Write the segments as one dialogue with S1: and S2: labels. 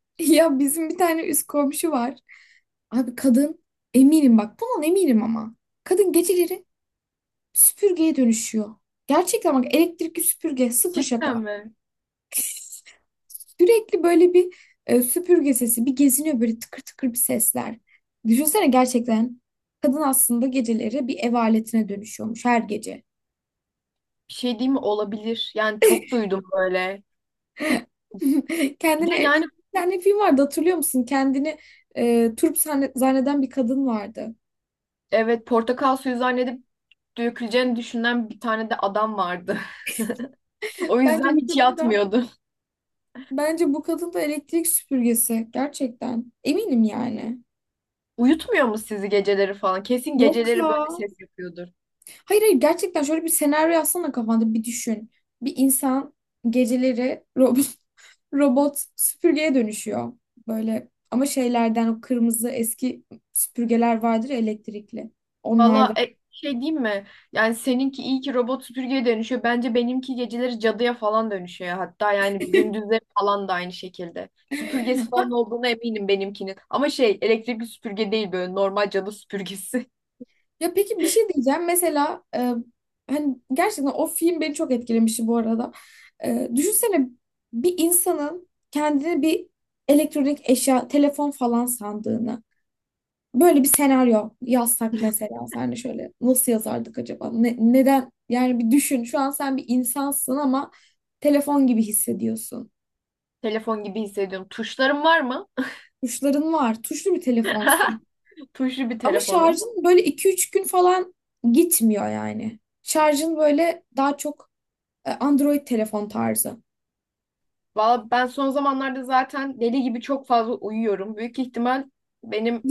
S1: Ya bizim bir tane üst komşu var. Abi, kadın eminim, bak bundan eminim ama. Kadın geceleri süpürgeye dönüşüyor. Gerçekten bak, elektrikli süpürge, sıfır şaka.
S2: Cidden mi?
S1: Sürekli böyle bir süpürge sesi bir geziniyor, böyle tıkır tıkır bir sesler. Düşünsene gerçekten, kadın aslında geceleri bir ev aletine dönüşüyormuş her gece.
S2: Bir şey diyeyim mi? Olabilir. Yani çok duydum böyle. Bir de
S1: Kendini bir
S2: yani.
S1: tane film vardı, hatırlıyor musun? Kendini turp zanneden bir kadın vardı.
S2: Evet, portakal suyu zannedip döküleceğini düşünen bir tane de adam vardı. O
S1: Bence
S2: yüzden
S1: bu
S2: hiç
S1: kadın da
S2: yatmıyordu.
S1: Bence bu kadın da elektrik süpürgesi. Gerçekten. Eminim yani.
S2: Uyutmuyor mu sizi geceleri falan? Kesin
S1: Yok
S2: geceleri
S1: ya.
S2: böyle ses yapıyordur.
S1: Hayır hayır, gerçekten şöyle bir senaryo yazsana, kafanda bir düşün. Bir insan geceleri robot, robot süpürgeye dönüşüyor. Böyle, ama şeylerden, o kırmızı eski süpürgeler vardır ya, elektrikli.
S2: Valla
S1: Onlardan.
S2: şey diyeyim mi? Yani seninki iyi ki robot süpürgeye dönüşüyor. Bence benimki geceleri cadıya falan dönüşüyor. Hatta yani gündüzleri falan da aynı şekilde. Süpürgesi falan olduğuna eminim benimkinin. Ama şey elektrikli süpürge değil, böyle normal cadı süpürgesi.
S1: Ya peki, bir şey diyeceğim. Mesela hani gerçekten o film beni çok etkilemişti bu arada. Düşünsene bir insanın kendini bir elektronik eşya, telefon falan sandığını. Böyle bir senaryo yazsak mesela, sen şöyle nasıl yazardık acaba? Neden? Yani bir düşün. Şu an sen bir insansın ama telefon gibi hissediyorsun.
S2: Telefon gibi hissediyorum. Tuşlarım var mı?
S1: Tuşların var. Tuşlu bir telefonsun.
S2: Tuşlu bir
S1: Ama
S2: telefonum.
S1: şarjın böyle iki üç gün falan gitmiyor yani. Şarjın böyle daha çok, Android telefon tarzı.
S2: Valla ben son zamanlarda zaten deli gibi çok fazla uyuyorum. Büyük ihtimal benim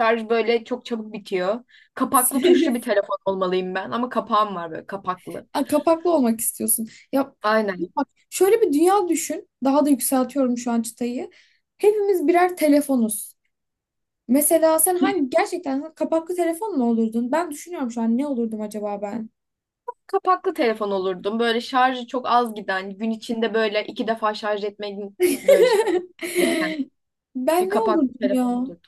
S2: şarj böyle çok çabuk bitiyor. Kapaklı tuşlu bir telefon olmalıyım ben. Ama kapağım var, böyle kapaklı.
S1: Ha, kapaklı olmak istiyorsun. Ya,
S2: Aynen.
S1: bak şöyle bir dünya düşün. Daha da yükseltiyorum şu an çıtayı. Hepimiz birer telefonuz. Mesela sen hangi, gerçekten sen kapaklı telefon mu olurdun? Ben düşünüyorum şu an, ne olurdum acaba ben?
S2: Kapaklı telefon olurdum. Böyle şarjı çok az giden, gün içinde böyle iki defa şarj etmenin, böyle şarj gereken bir
S1: Ben ne
S2: kapaklı
S1: olurdum
S2: telefon
S1: ya?
S2: olurdu.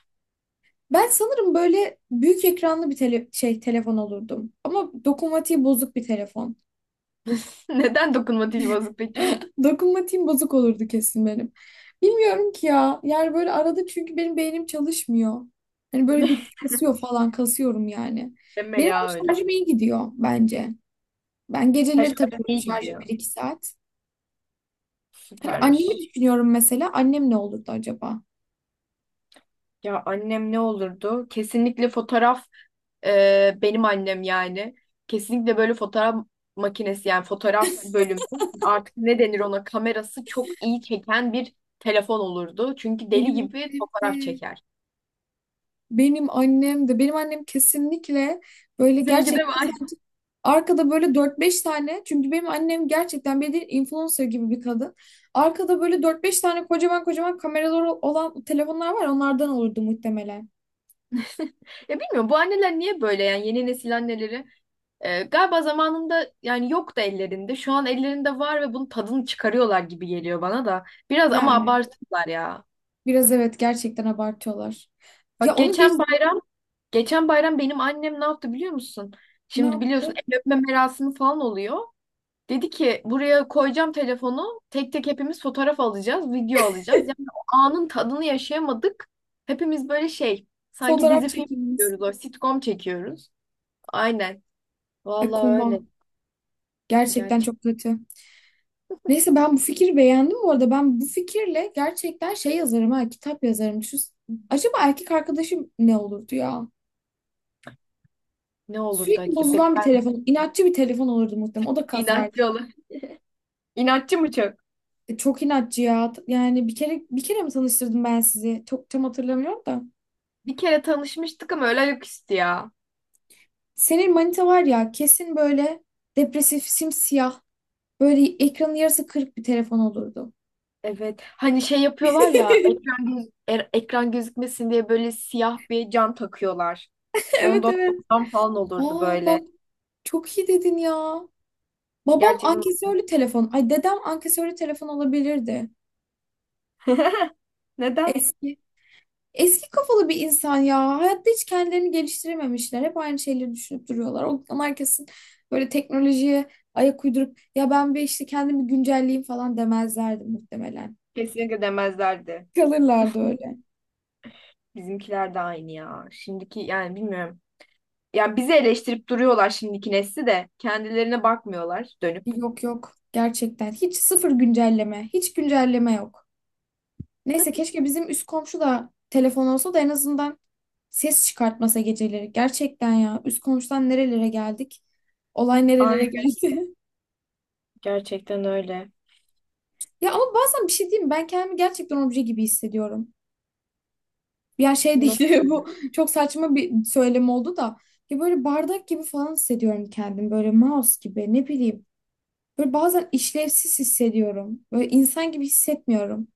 S1: Ben sanırım böyle büyük ekranlı bir telefon olurdum. Ama dokunmatiği bozuk bir telefon.
S2: Neden dokunmatik vazo peki?
S1: Dokunmatiğim bozuk olurdu kesin benim. Bilmiyorum ki ya. Yani böyle arada, çünkü benim beynim çalışmıyor. Hani böyle bir kasıyor falan, kasıyorum yani.
S2: Deme
S1: Benim ama
S2: ya öyle.
S1: şarjım iyi gidiyor bence. Ben
S2: Her
S1: geceleri
S2: şarjı
S1: takıyorum
S2: iyi
S1: şarja
S2: gidiyor.
S1: bir iki saat. Hani annemi
S2: Süpermiş.
S1: düşünüyorum mesela. Annem ne olurdu acaba?
S2: Ya annem ne olurdu? Kesinlikle fotoğraf, benim annem yani. Kesinlikle böyle fotoğraf makinesi, yani fotoğraf bölümü artık ne denir, ona kamerası çok iyi çeken bir telefon olurdu. Çünkü deli
S1: Benim
S2: gibi
S1: annem
S2: fotoğraf
S1: de
S2: çeker.
S1: Benim annem de benim annem kesinlikle böyle,
S2: Seninki de
S1: gerçekten
S2: var.
S1: sanki arkada böyle dört beş tane, çünkü benim annem gerçekten bir influencer gibi bir kadın. Arkada böyle dört beş tane kocaman kocaman kameraları olan telefonlar var, onlardan olurdu muhtemelen.
S2: Ya bilmiyorum, bu anneler niye böyle, yani yeni nesil anneleri galiba zamanında yani yoktu ellerinde. Şu an ellerinde var ve bunun tadını çıkarıyorlar gibi geliyor bana da. Biraz ama
S1: Yani
S2: abarttılar ya.
S1: biraz, evet, gerçekten abartıyorlar. Ya
S2: Bak,
S1: onu geç.
S2: geçen bayram benim annem ne yaptı biliyor musun?
S1: Ne
S2: Şimdi biliyorsun,
S1: yaptı?
S2: el öpme merasimi falan oluyor. Dedi ki, buraya koyacağım telefonu, tek tek hepimiz fotoğraf alacağız, video alacağız. Yani o anın tadını yaşayamadık. Hepimiz böyle şey, sanki
S1: Fotoğraf
S2: dizi film
S1: çekilmiş.
S2: çekiyoruz, o sitcom çekiyoruz. Aynen.
S1: Ay
S2: Vallahi
S1: koma.
S2: öyle.
S1: Gerçekten
S2: Gerçek
S1: çok kötü. Neyse, ben bu fikri beğendim bu arada. Ben bu fikirle gerçekten şey yazarım, ha, kitap yazarım. Şu, acaba erkek arkadaşım ne olurdu ya?
S2: ne olurdu
S1: Sürekli
S2: acaba?
S1: bozulan bir
S2: Ben
S1: telefon, inatçı bir telefon olurdu muhtemelen. O da kasardı.
S2: inatçı olur. İnatçı mı çok?
S1: Çok inatçı ya. Yani bir kere, bir kere mi tanıştırdım ben sizi? Çok tam hatırlamıyorum da.
S2: Bir kere tanışmıştık ama öyle ayaküstü ya.
S1: Senin manita var ya, kesin böyle depresif, simsiyah, böyle ekranın yarısı kırık bir telefon olurdu.
S2: Evet. Hani şey yapıyorlar ya, ekran ekran gözükmesin diye böyle siyah bir cam takıyorlar.
S1: Evet
S2: Ondan,
S1: evet.
S2: ondan falan olurdu
S1: Aa bak,
S2: böyle.
S1: çok iyi dedin ya. Babam
S2: Gerçekten.
S1: ankesörlü telefon. Ay, dedem ankesörlü telefon olabilirdi.
S2: Neden?
S1: Eski. Eski kafalı bir insan ya. Hayatta hiç kendilerini geliştirememişler. Hep aynı şeyleri düşünüp duruyorlar. Onlar kesin böyle teknolojiye ayak uydurup, ya ben bir işte kendimi güncelleyeyim falan demezlerdi muhtemelen.
S2: Kesinlikle demezlerdi.
S1: Kalırlardı öyle.
S2: Bizimkiler de aynı ya. Şimdiki yani bilmiyorum. Ya bizi eleştirip duruyorlar, şimdiki nesli de. Kendilerine bakmıyorlar dönüp.
S1: Yok yok. Gerçekten. Hiç, sıfır güncelleme. Hiç güncelleme yok. Neyse, keşke bizim üst komşu da telefon olsa da en azından ses çıkartmasa geceleri. Gerçekten ya, üst komşudan nerelere geldik? Olay nerelere geldi?
S2: Gerçekten öyle.
S1: Ya ama bazen, bir şey diyeyim mi? Ben kendimi gerçekten obje gibi hissediyorum. Ya şey değil,
S2: Nasıl?
S1: bu çok saçma bir söylem oldu da. Ya, böyle bardak gibi falan hissediyorum kendimi. Böyle mouse gibi, ne bileyim. Böyle bazen işlevsiz hissediyorum. Böyle insan gibi hissetmiyorum.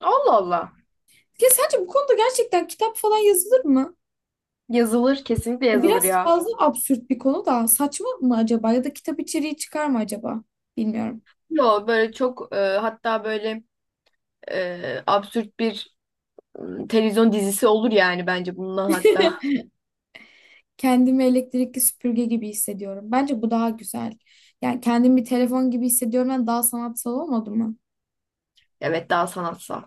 S2: Allah Allah.
S1: Ya sence bu konuda gerçekten kitap falan yazılır mı?
S2: Yazılır, kesinlikle yazılır
S1: Biraz
S2: ya.
S1: fazla absürt bir konu da, saçma mı acaba, ya da kitap içeriği çıkar mı acaba? Bilmiyorum.
S2: Yo, böyle çok hatta böyle absürt bir televizyon dizisi olur yani bence bundan hatta.
S1: Kendimi elektrikli süpürge gibi hissediyorum. Bence bu daha güzel. Yani, kendimi bir telefon gibi hissediyorum, daha sanatsal olmadı mı?
S2: Evet, daha sanatsal.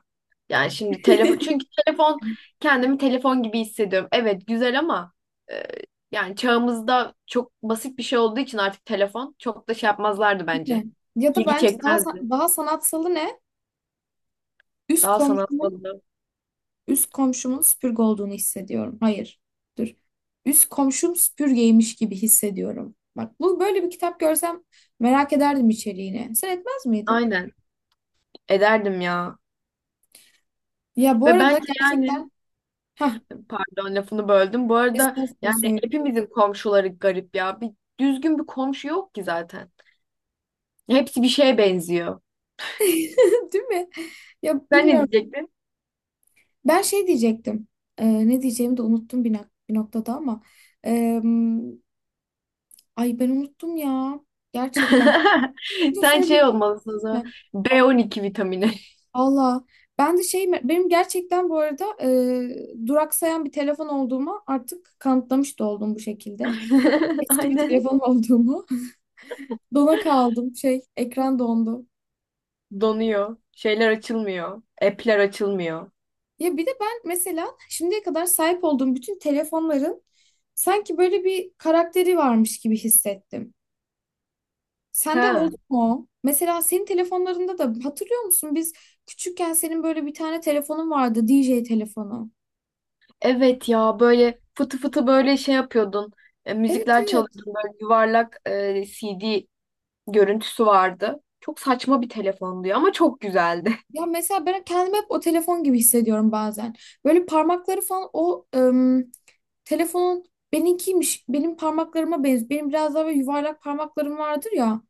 S2: Yani şimdi telefon, çünkü telefon kendimi telefon gibi hissediyorum. Evet, güzel ama e, yani çağımızda çok basit bir şey olduğu için artık telefon çok da şey yapmazlardı
S1: Değil
S2: bence.
S1: mi? Ya da
S2: İlgi
S1: bence
S2: çekmezdi.
S1: daha sanatsalı ne? Üst
S2: Daha
S1: komşumun
S2: sanatsal.
S1: üst komşumun süpürge olduğunu hissediyorum. Hayır. Dur. Üst komşum süpürgeymiş gibi hissediyorum. Bak, bu böyle bir kitap görsem, merak ederdim içeriğini. Sen etmez miydin?
S2: Aynen ederdim ya.
S1: Ya bu
S2: Ve
S1: arada
S2: bence yani.
S1: gerçekten. Heh.
S2: Pardon, lafını böldüm. Bu arada
S1: Kesinlikle
S2: yani
S1: söyle.
S2: hepimizin komşuları garip ya. Bir düzgün bir komşu yok ki zaten. Hepsi bir şeye benziyor.
S1: Değil mi? Ya
S2: Sen ne
S1: bilmiyorum.
S2: diyecektin?
S1: Ben şey diyecektim. Ne diyeceğimi de unuttum bir noktada ama. Ee, ay ben unuttum ya. Gerçekten. Kesinlikle
S2: Sen şey
S1: söylerim
S2: olmalısın o zaman.
S1: ben.
S2: B12 vitamini.
S1: Valla. Ben de şey, benim gerçekten bu arada duraksayan bir telefon olduğuma artık kanıtlamış da oldum bu şekilde. Eski bir
S2: Aynen.
S1: telefon olduğumu. Dona kaldım, şey, ekran dondu.
S2: Donuyor. Şeyler açılmıyor. App'ler açılmıyor.
S1: Ya bir de ben mesela şimdiye kadar sahip olduğum bütün telefonların sanki böyle bir karakteri varmış gibi hissettim. Sende
S2: Ha.
S1: oldu mu o? Mesela senin telefonlarında da hatırlıyor musun? Biz küçükken senin böyle bir tane telefonun vardı, DJ telefonu.
S2: Evet, ya böyle fıtı fıtı böyle şey yapıyordun.
S1: Evet
S2: Müzikler
S1: evet.
S2: çalıyordun. Böyle yuvarlak, CD görüntüsü vardı. Çok saçma bir telefondu ya ama çok güzeldi.
S1: Ya mesela ben kendimi hep o telefon gibi hissediyorum bazen. Böyle parmakları falan, o telefonun benimkiymiş. Benim parmaklarıma benziyor. Benim biraz daha böyle yuvarlak parmaklarım vardır ya.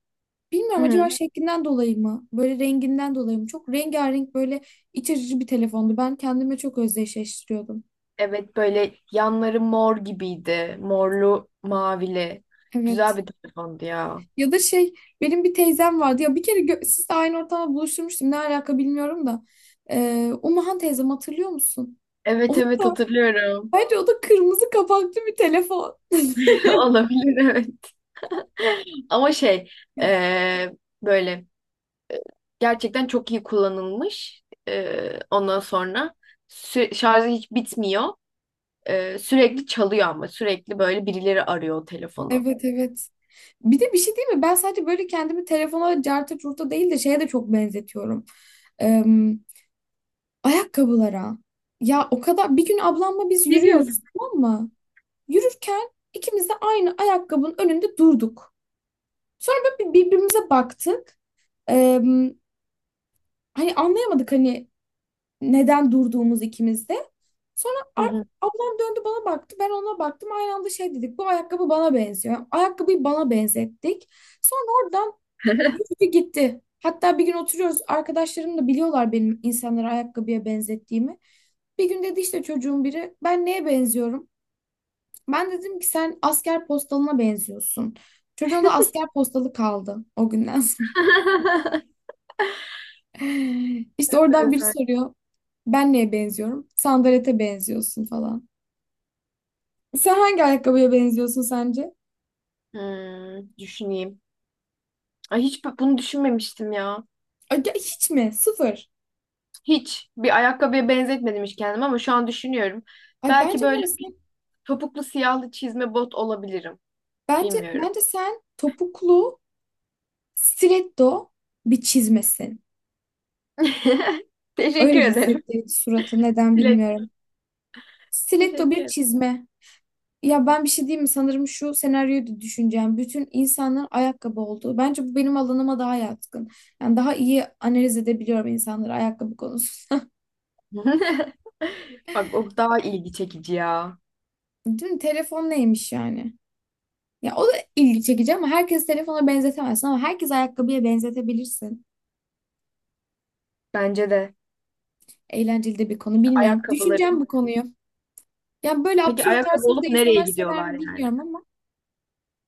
S1: Bilmiyorum, acaba şeklinden dolayı mı, böyle renginden dolayı mı? Çok rengarenk, böyle iç açıcı bir telefondu. Ben kendime çok özdeşleştiriyordum.
S2: Evet, böyle yanları mor gibiydi. Morlu, mavili. Güzel
S1: Evet.
S2: bir telefondu ya.
S1: Ya da şey, benim bir teyzem vardı. Ya bir kere siz de aynı ortamda buluşturmuştum. Ne alaka bilmiyorum da. Umuhan teyzem, hatırlıyor musun?
S2: Evet
S1: Onun
S2: evet,
S1: da,
S2: hatırlıyorum.
S1: bence o da kırmızı kapaklı bir telefon.
S2: Olabilir, evet. Ama şey, eee, böyle gerçekten çok iyi kullanılmış. Ondan sonra şarjı hiç bitmiyor. Sürekli çalıyor ama sürekli böyle birileri arıyor o telefonu.
S1: Evet evet. Bir de bir şey değil mi? Ben sadece böyle kendimi telefona carta curta değil de, şeye de çok benzetiyorum. Eee, ayakkabılara. Ya o kadar, bir gün ablamla biz
S2: Ne
S1: yürüyoruz,
S2: diyorsun?
S1: tamam mı? Yürürken ikimiz de aynı ayakkabının önünde durduk. Sonra böyle birbirimize baktık. Eee, hani anlayamadık, hani neden durduğumuz ikimiz de. Sonra
S2: Hı hı.
S1: ablam döndü, bana baktı. Ben ona baktım. Aynı anda şey dedik. Bu ayakkabı bana benziyor. Ayakkabıyı bana benzettik. Sonra gitti gitti. Hatta bir gün oturuyoruz. Arkadaşlarım da biliyorlar benim insanları ayakkabıya benzettiğimi. Bir gün dedi işte çocuğun biri, ben neye benziyorum? Ben dedim ki, sen asker postalına benziyorsun. Çocuğun da asker postalı kaldı o günden sonra. İşte
S2: Evet,
S1: oradan biri
S2: evet.
S1: soruyor, ben neye benziyorum? Sandalete benziyorsun falan. Sen hangi ayakkabıya benziyorsun sence?
S2: Hmm, düşüneyim. Ay hiç bunu düşünmemiştim ya.
S1: Ay, ya hiç mi? Sıfır.
S2: Hiç bir ayakkabıya benzetmedim hiç kendimi ama şu an düşünüyorum.
S1: Ay,
S2: Belki
S1: bence
S2: böyle
S1: neresi?
S2: topuklu siyahlı çizme bot olabilirim.
S1: Bence
S2: Bilmiyorum.
S1: bence sen topuklu stiletto bir çizmesin.
S2: Teşekkür
S1: Öyle
S2: ederim.
S1: hissettirdi suratı, neden
S2: Bilek.
S1: bilmiyorum. Stiletto
S2: Teşekkür
S1: bir
S2: ederim.
S1: çizme. Ya ben bir şey diyeyim mi? Sanırım şu senaryoyu da düşüneceğim. Bütün insanların ayakkabı olduğu. Bence bu benim alanıma daha yatkın. Yani daha iyi analiz edebiliyorum insanları ayakkabı konusunda.
S2: Bak, o daha ilgi çekici ya.
S1: Değil mi? Telefon neymiş yani? Ya, o da ilgi çekici ama herkes telefona benzetemezsin, ama herkes ayakkabıya benzetebilirsin.
S2: Bence de
S1: Eğlenceli de bir konu, bilmiyorum. Düşüneceğim
S2: ayakkabıların.
S1: bu konuyu. Yani böyle
S2: Peki
S1: absürt
S2: ayakkabı
S1: tarzları da
S2: olup nereye
S1: insanlar sever
S2: gidiyorlar
S1: mi
S2: yani?
S1: bilmiyorum ama.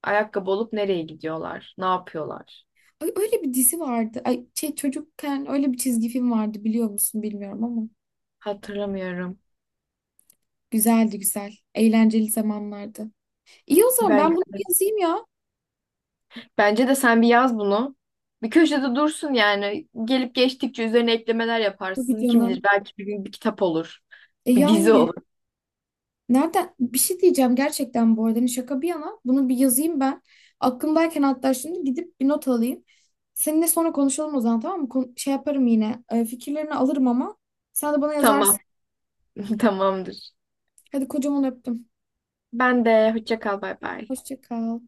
S2: Ayakkabı olup nereye gidiyorlar? Ne yapıyorlar?
S1: Ay, öyle bir dizi vardı. Ay, şey, çocukken öyle bir çizgi film vardı, biliyor musun bilmiyorum ama.
S2: Hatırlamıyorum.
S1: Güzeldi güzel. Eğlenceli zamanlardı. İyi, o zaman
S2: Bence
S1: ben bunu bir yazayım ya.
S2: bence de sen bir yaz bunu. Bir köşede dursun yani. Gelip geçtikçe üzerine eklemeler
S1: Tabii
S2: yaparsın. Kim bilir,
S1: canım.
S2: belki bir gün bir kitap olur.
S1: E
S2: Bir dizi
S1: yani,
S2: olur.
S1: nereden bir şey diyeceğim gerçekten bu arada. Hani, şaka bir yana, bunu bir yazayım ben. Aklımdayken, hatta şimdi gidip bir not alayım. Seninle sonra konuşalım o zaman, tamam mı? Şey yaparım yine. Fikirlerini alırım ama sen de bana
S2: Tamam,
S1: yazarsın.
S2: tamamdır.
S1: Hadi, kocaman öptüm.
S2: Ben de hoşça kal, bay bay.
S1: Hoşça kal.